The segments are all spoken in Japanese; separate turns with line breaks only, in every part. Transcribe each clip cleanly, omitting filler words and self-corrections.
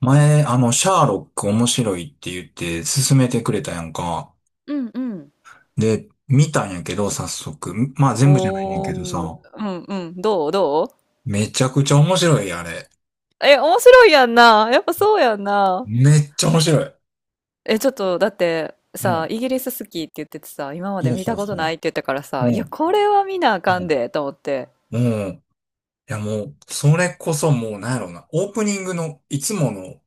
前、シャーロック面白いって言って勧めてくれたやんか。
うんうん。
で、見たんやけど、早速。まあ、全部じゃないねんけど
おー、
さ。
うんうん、どうどう？
めちゃくちゃ面白い、あれ。
え、面白いやんな。やっぱそうやんな。
めっちゃ面白い。
え、ちょっと、だって、
う
さ、
ん。
イギリス好きって言っててさ、今まで
そう
見
そ
た
う
こと
そ
ないって言ったから
う。
さ、
う
いや、
ん。
これは見なあか
う
ん
ん。
で、と思って。
うん。いや、もう、それこそもう、なんやろうな。オープニングの、いつもの、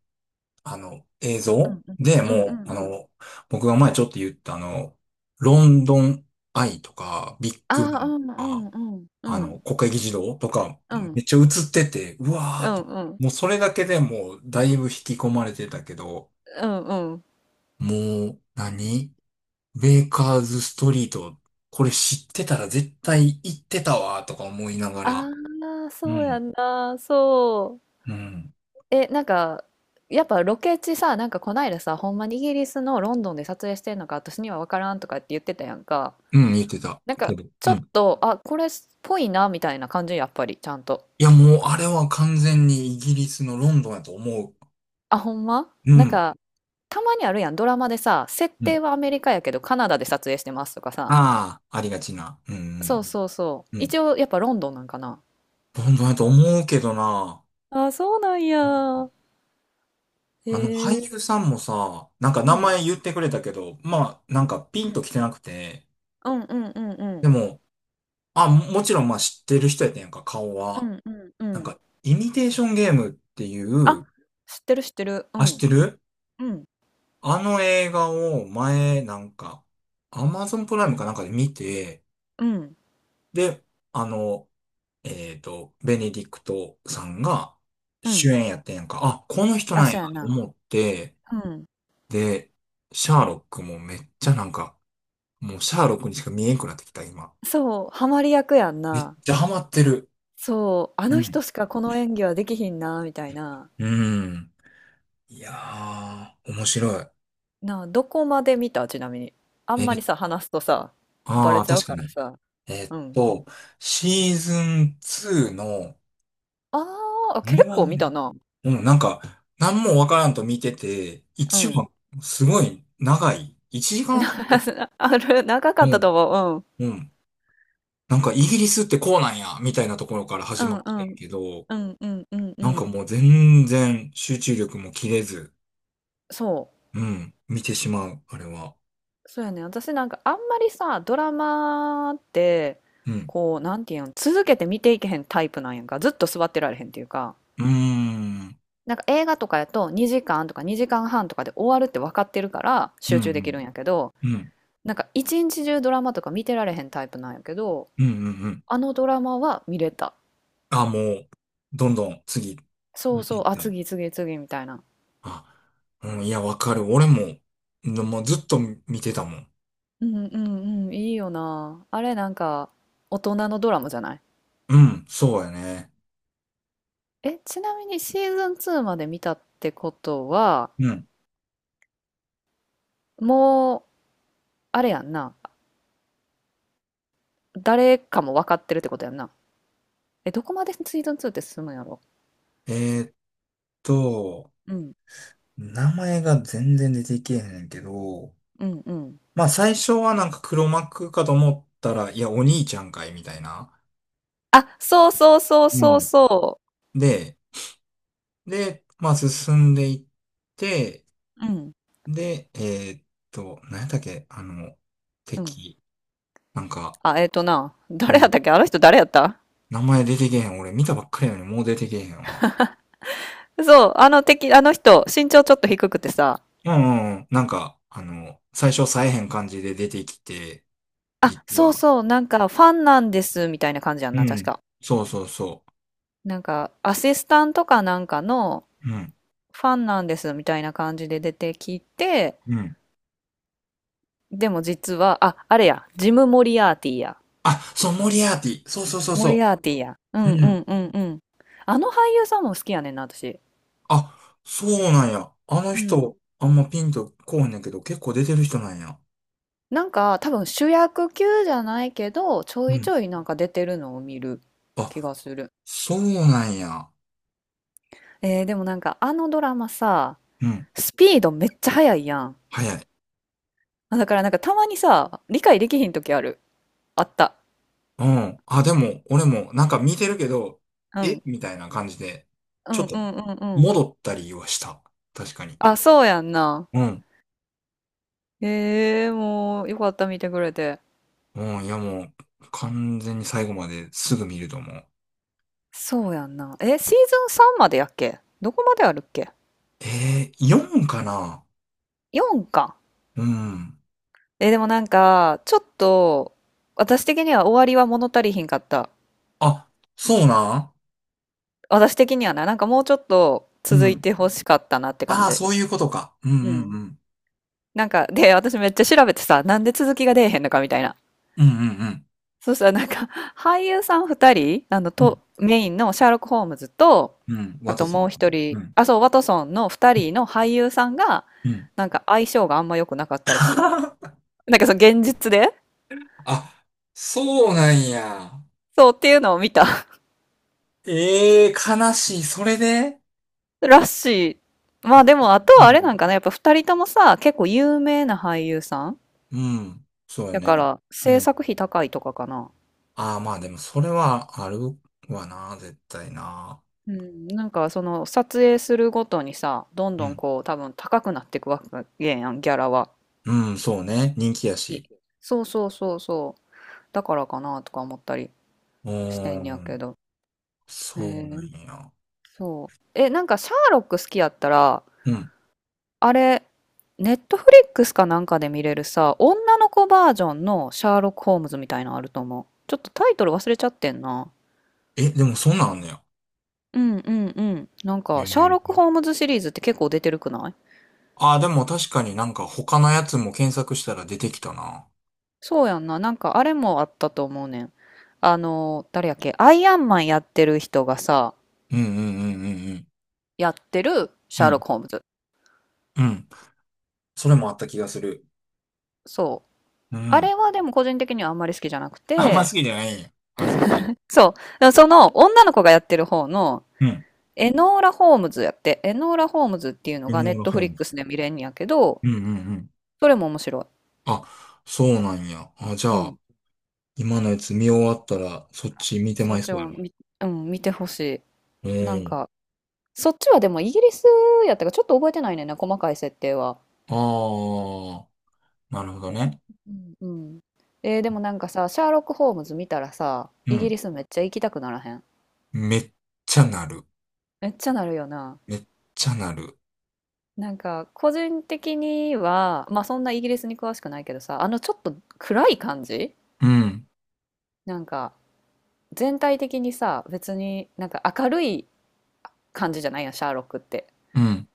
映
う
像
ん
で、
うんうんう
もう、
んうん。
僕が前ちょっと言った、ロンドンアイとか、ビッ
あ
グバ
あ、
ンと
うんうん
か
うん。うん
国会議事堂とか、
うん。
めっちゃ映ってて、うわー
う
っ
ん
て、
うん。
もうそれだけでもうだいぶ引き込まれてたけど、
うんうんうん。
もう何、ベーカーズストリート、これ知ってたら絶対行ってたわーとか思いながら、
ああ、
う
そうや
ん、
んな。そう。
うん、
え、なんか、やっぱロケ地さ、なんかこないださ、ほんまにイギリスのロンドンで撮影してんのか、私には分からんとかって言ってたやんか。
うん、言ってた
なんか、
けど、
ちょ
う
っ
ん。
と、あ、これっぽいな、みたいな感じ、やっぱり、ちゃんと。
いや、もうあれは完全にイギリスのロンドンやと思
あ、ほんま
う。う
なん
ん、
か、たまにあるやん、ドラマでさ、設
う
定
ん。
はアメリカやけど、カナダで撮影してますとかさ。
ああ、ありがちな。うん、う
そうそうそう。
ん、う
一
ん。
応、やっぱロンドンなんかな。
ロンドンやと思うけどな。
あ、そうなんや。へ
俳
え。
優さんもさ、なんか
う
名
ん。
前言ってくれたけど、まあ、なんかピ
う
ンと
ん
来てなくて、
うんうんうんう
で
ん。
も、あ、ももちろんまあ知ってる人やったんやんか、顔
う
は。
んうんう
なん
ん。
か、イミテーションゲームってい
あ、
う、
知ってる知ってる。う
あ、知っ
ん。
てる
うん。
あの映画を前、なんか、アマゾンプライムかなんかで見て、
うん。
で、あの、ベネディクトさんが
う
主
ん。
演やってんやんか、あ、この人
あ、
なんや
そうや
と
な。
思って、
うん。
で、シャーロックもめっちゃなんか、もうシャーロックにしか見えんくなってきた、今。
そう、ハマり役やん
めっ
な。
ちゃハマってる。
そう、あ
う
の人
ん。
しかこの演技はできひんな、みたいな。
うん。いやー、面白い。
なあ、どこまで見たちなみに？あ
え
んまり
ー、
さ、話すとさ、バ
あ
レ
あ、
ちゃう
確か
から
に。
さ。
えっ
うん。
と、シーズン2の、
ああ、
2
結
話
構
ぐら
見た
い。
な。
うん、なんか、何もわからんと見てて、
う
1
ん。
話、すごい長い。1時間
な
半。
ある、長かっ
う
たと
ん。
思う。
うん。なんか、イギリスってこうなんや、みたいなところから
う
始ま
ん。
っ
う
てん
ん
けど、
うんうんうんう
なんか
ん。
もう全然集中力も切れず、
そ
うん、見てしまう、あれは。
う。そうやね。私なんかあんまりさ、ドラマって、
うん。
こう、なんていうん、続けて見ていけへんタイプなんやんか。ずっと座ってられへんっていうか。
うーん。
なんか映画とかやと2時間とか2時間半とかで終わるって分かってるから
うん。
集
う
中できるん
ん。
やけど、
うん。うん。
なんか一日中ドラマとか見てられへんタイプなんやけど、
うんうん。
あのドラマは見れた。
あ、もう、どんどん次、
そう
見て
そう、
いっ
あ、
た。
次次次みたいな。
あ、うん。いや、わかる。俺も、のもうずっと見てたもん。
うんうんうん、いいよな。あれなんか大人のドラマじゃない？
うん。そうやね。
え、ちなみにシーズン2まで見たってことは、
うん。
もう、あれやんな。誰かも分かってるってことやんな。え、どこまでシーズン2って進むんやろ？
えーっと、
うん、
名前が全然出てけえへんけど、
うん、うん。
まあ、最初はなんか黒幕かと思ったら、いや、お兄ちゃんかい、みたいな。
あ、そうそうそう
う
そう
ん。
そ
で、で、まあ、進んでいって、
ううん。
で、ーっ何やったっけあの、
う。ん。
敵。なんか、
あ、えっとな、
う
誰やっ
ん。
たっけあの人誰やった？
名前出てけへん。俺見たばっかりやのにもう出てけへんわ。
そう、あの敵、あの人、身長ちょっと低くてさ、
うんうんうん。なんか、最初さえへん感じで出てきて、
あ、
実
そう
は。
そう、なんかファンなんです、みたいな感じやん
う
な、確
ん。
か。
そうそうそ
なんか、アシスタントかなんかの、
う。うん。
ファンなんです、みたいな感じで出てきて、
うん。
でも実は、あ、あれや、ジム・モリアーティや。
あ、そう、モリアーティ。そうそうそう
モ
そ
リアーティや。う
う。
ん
う
う
ん。
んうんうん。あの俳優さんも好きやねんな、私。
あ、そうなんや。あの
うん
人、あんまピンとこうへんねんけど、結構出てる人なんや。
なんか多分主役級じゃないけどちょ
う
いち
ん。
ょいなんか出てるのを見る気
あ、
がする。
そうなんや。
でもなんかあのドラマさ、
うん。
スピードめっちゃ速いやん。
早い。
あだからなんかたまにさ、理解できひん時ある。あった。
うん。あ、でも、俺も、なんか見てるけど、
う
え
ん。
みたいな感じで、
う
ちょ
ん
っと、
うんうんうん。
戻ったりはした。確かに。
あ、そうやんな。
うん。
ええー、もうよかった見てくれて。
うん、いやもう、完全に最後まですぐ見ると思う。
そうやんな。え、シーズン3までやっけどこまであるっけ
4かな。
?4 か。
うん。
え、でもなんか、ちょっと、私的には終わりは物足りひんかった。
あ、そうなん。
私的にはな、なんかもうちょっと
う
続い
ん。
てほしかったなって感
ああ、
じ。
そういうことか。うんう
う
ん
ん。
うん。
なんか、で、私めっちゃ調べてさ、なんで続きが出えへんのかみたいな。
うんうん
そしたらなんか、俳優さん二人、
うん。う
と、
ん。
メインのシャーロック・ホームズと、
うん。
あ
ワト
と
ソン。
もう一
う
人、
ん。
あ、そう、ワトソンの二人の俳優さんが、
うん。
なんか相性があんま良くなかったらしい。なんかその現実で
あ、そうなんや。
そうっていうのを見た
ええー、悲しい。それで、
らしい。ま
あ、
あ
そ
でも、あ
う
と
な
は
ん
あ
や。
れなんかな、やっぱ二人ともさ、結構有名な俳優さん
うん。そうや
だ
ね。
から
う
制
ん。
作費高いとかかな。
ああ、まあでもそれはあるわな、絶対な。
うん、なんかその撮影するごとにさ、どん
う
どん
ん。
こう多分高くなっていくわけやん、ギャラは。
うん、そうね。人気や
い
し。
そうそうそうそう。だからかなとか思ったり
う
して
ー
んやけ
ん。
ど。え
そうな
ー、
んや。
そう。え、なんかシャーロック好きやったら、
うん。
あれ、ネットフリックスかなんかで見れるさ、女の子バージョンのシャーロック・ホームズみたいなのあると思う。ちょっとタイトル忘れちゃってんな。
え、でもそんなんあんねや。
うんうんうん。なんか、シャーロ
え
ック・
え。
ホームズシリーズって結構出てるくない？
ああ、でも確かになんか他のやつも検索したら出てきたな。
そうやんな。なんかあれもあったと思うねん。誰やっけアイアンマンやってる人がさ、
うんうんうん
やってるシ
うん
ャー
うん。う
ロッ
ん。
ク・ホームズ。
うん。それもあった気がする。
そう。
う
あ
ん。
れはでも個人的にはあんまり好きじゃなく
あんま好
て、
きじゃないんや。あ、そうか。
そう。でもその女の子がやってる方の
うん。
エノーラ・ホームズやって、エノーラ・ホームズっていうの
犬
がネッ
ル
ト
ホ
フ
ー
リッ
ム。
クスで見れんやけど、
うんうんうん。
それも面白
あ、そうなんや。あ、じゃ
い。う
あ、
ん。
今のやつ見終わったら、そっち見て
そ
ま
っ
い
ち
そうや
も
ね。
見、うん、見てほし
う
い。なん
ん。
か、そっちはでもイギリスやったからちょっと覚えてないねんな、細かい設定は。
ああ、なるほど
う
ね。
んうんうん。でもなんかさ、シャーロック・ホームズ見たらさ、
う
イギ
ん。
リスめっちゃ行きたくならへん？
めっちゃなる。
めっちゃなるよな。
めっちゃなる。
なんか個人的には、まあそんなイギリスに詳しくないけどさ、ちょっと暗い感じ
うん。
なんか全体的にさ、別になんか明るい感じじゃないやん、シャーロックって。
うん。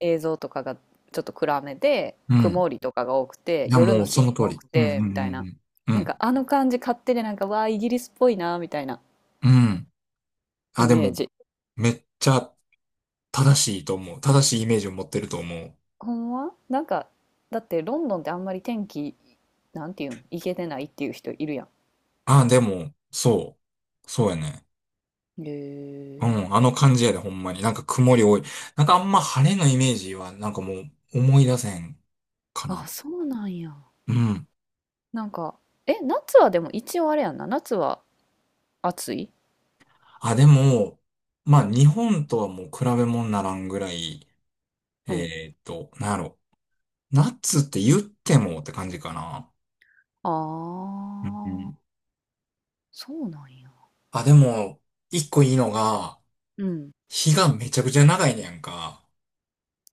映像とかがちょっと暗めで、
うん。
曇りとかが多くて、
いや、
夜の
もう
シ
そ
ーン
の通
多
り。
く
うん、う
て、
ん、
みたいな。
うん、う
なんか
ん。
あの感じ勝手でなんか、わあ、イギリスっぽいな、みたいな
うん。うん。あ、
イ
で
メ
も、
ージ。
めっちゃ正しいと思う。正しいイメージを持ってると思う。
ほんまなんか、だってロンドンってあんまり天気、なんていうん行けてないっていう人いるや
あ、でも、そう。そうやね。
ん。へ
うん。あ
え。
の感じやで、ほんまに。なんか曇り多い。なんかあんま晴れのイメージは、なんかもう思い出せんか
あ、
な。
そうなんや。
うん。
なんか、え、夏はでも一応あれやんな。夏は暑い？
あ、でも、まあ、日本とはもう比べ物にならんぐらい、
うん。
なんやろ。ナッツって言ってもって感じかな。
あ
うんう
あ、
ん。
そうなんや。
あ、でも、一個いいのが、
うん。
日がめちゃくちゃ長いねやんか。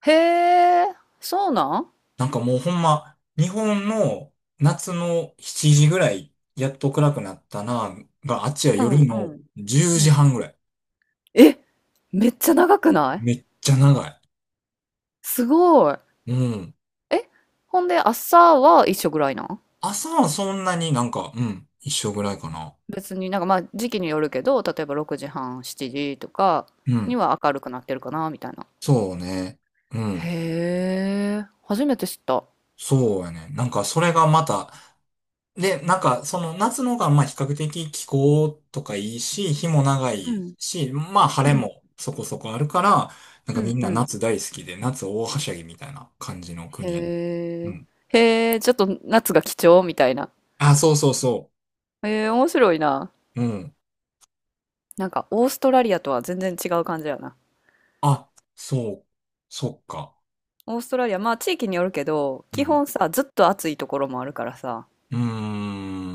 へえ、そうなん？
なんかもうほんま、日本の夏の7時ぐらい、やっと暗くなったな、が、あっちは
うん
夜
う
の
ん。
10
う
時
ん。
半ぐらい。
え、めっちゃ長くない？
めっちゃ長い。
すごい。
うん。
え、ほんで朝は一緒ぐらいなん？
朝はそんなになんか、うん、一緒ぐらいかな。
別になんかまあ時期によるけど、例えば6時半、7時とか
う
に
ん。
は明るくなってるかな、みたいな。
そうね。うん。
へえ、初めて知った。
そうやね。なんかそれがまた、で、なんかその夏の方がまあ比較的気候とかいいし、日も長
う
い
ん、
し、まあ晴
う
れ
ん、
もそこそこあるから、なんか
う
み
ん、
ん
う
な
ん。
夏大好きで、夏大はしゃぎみたいな感じの
へ
国やね。う
え。
ん。
へえ、ちょっと夏が貴重みたいな。
あ、そうそうそ
へえ、面白いな。
う。うん。
なんか、オーストラリアとは全然違う感じやな。
あ、そう、そっか。
オーストラリア、まあ地域によるけど、
う
基
ん。
本さ、ずっと暑いところもあるからさ、
うー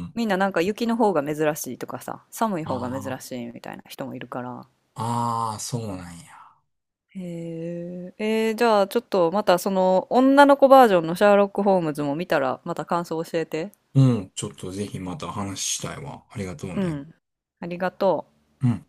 ん。
みんななんか雪の方が珍しいとかさ、寒い方が珍
あ
しいみたいな人もいるから、
あ、ああ、そうなんや。
へえ、じゃあちょっとまたその女の子バージョンのシャーロック・ホームズも見たらまた感想教えて。
うん。ちょっとぜひまた話したいわ。ありがとう
う
ね。
ん。ありがとう。
うん。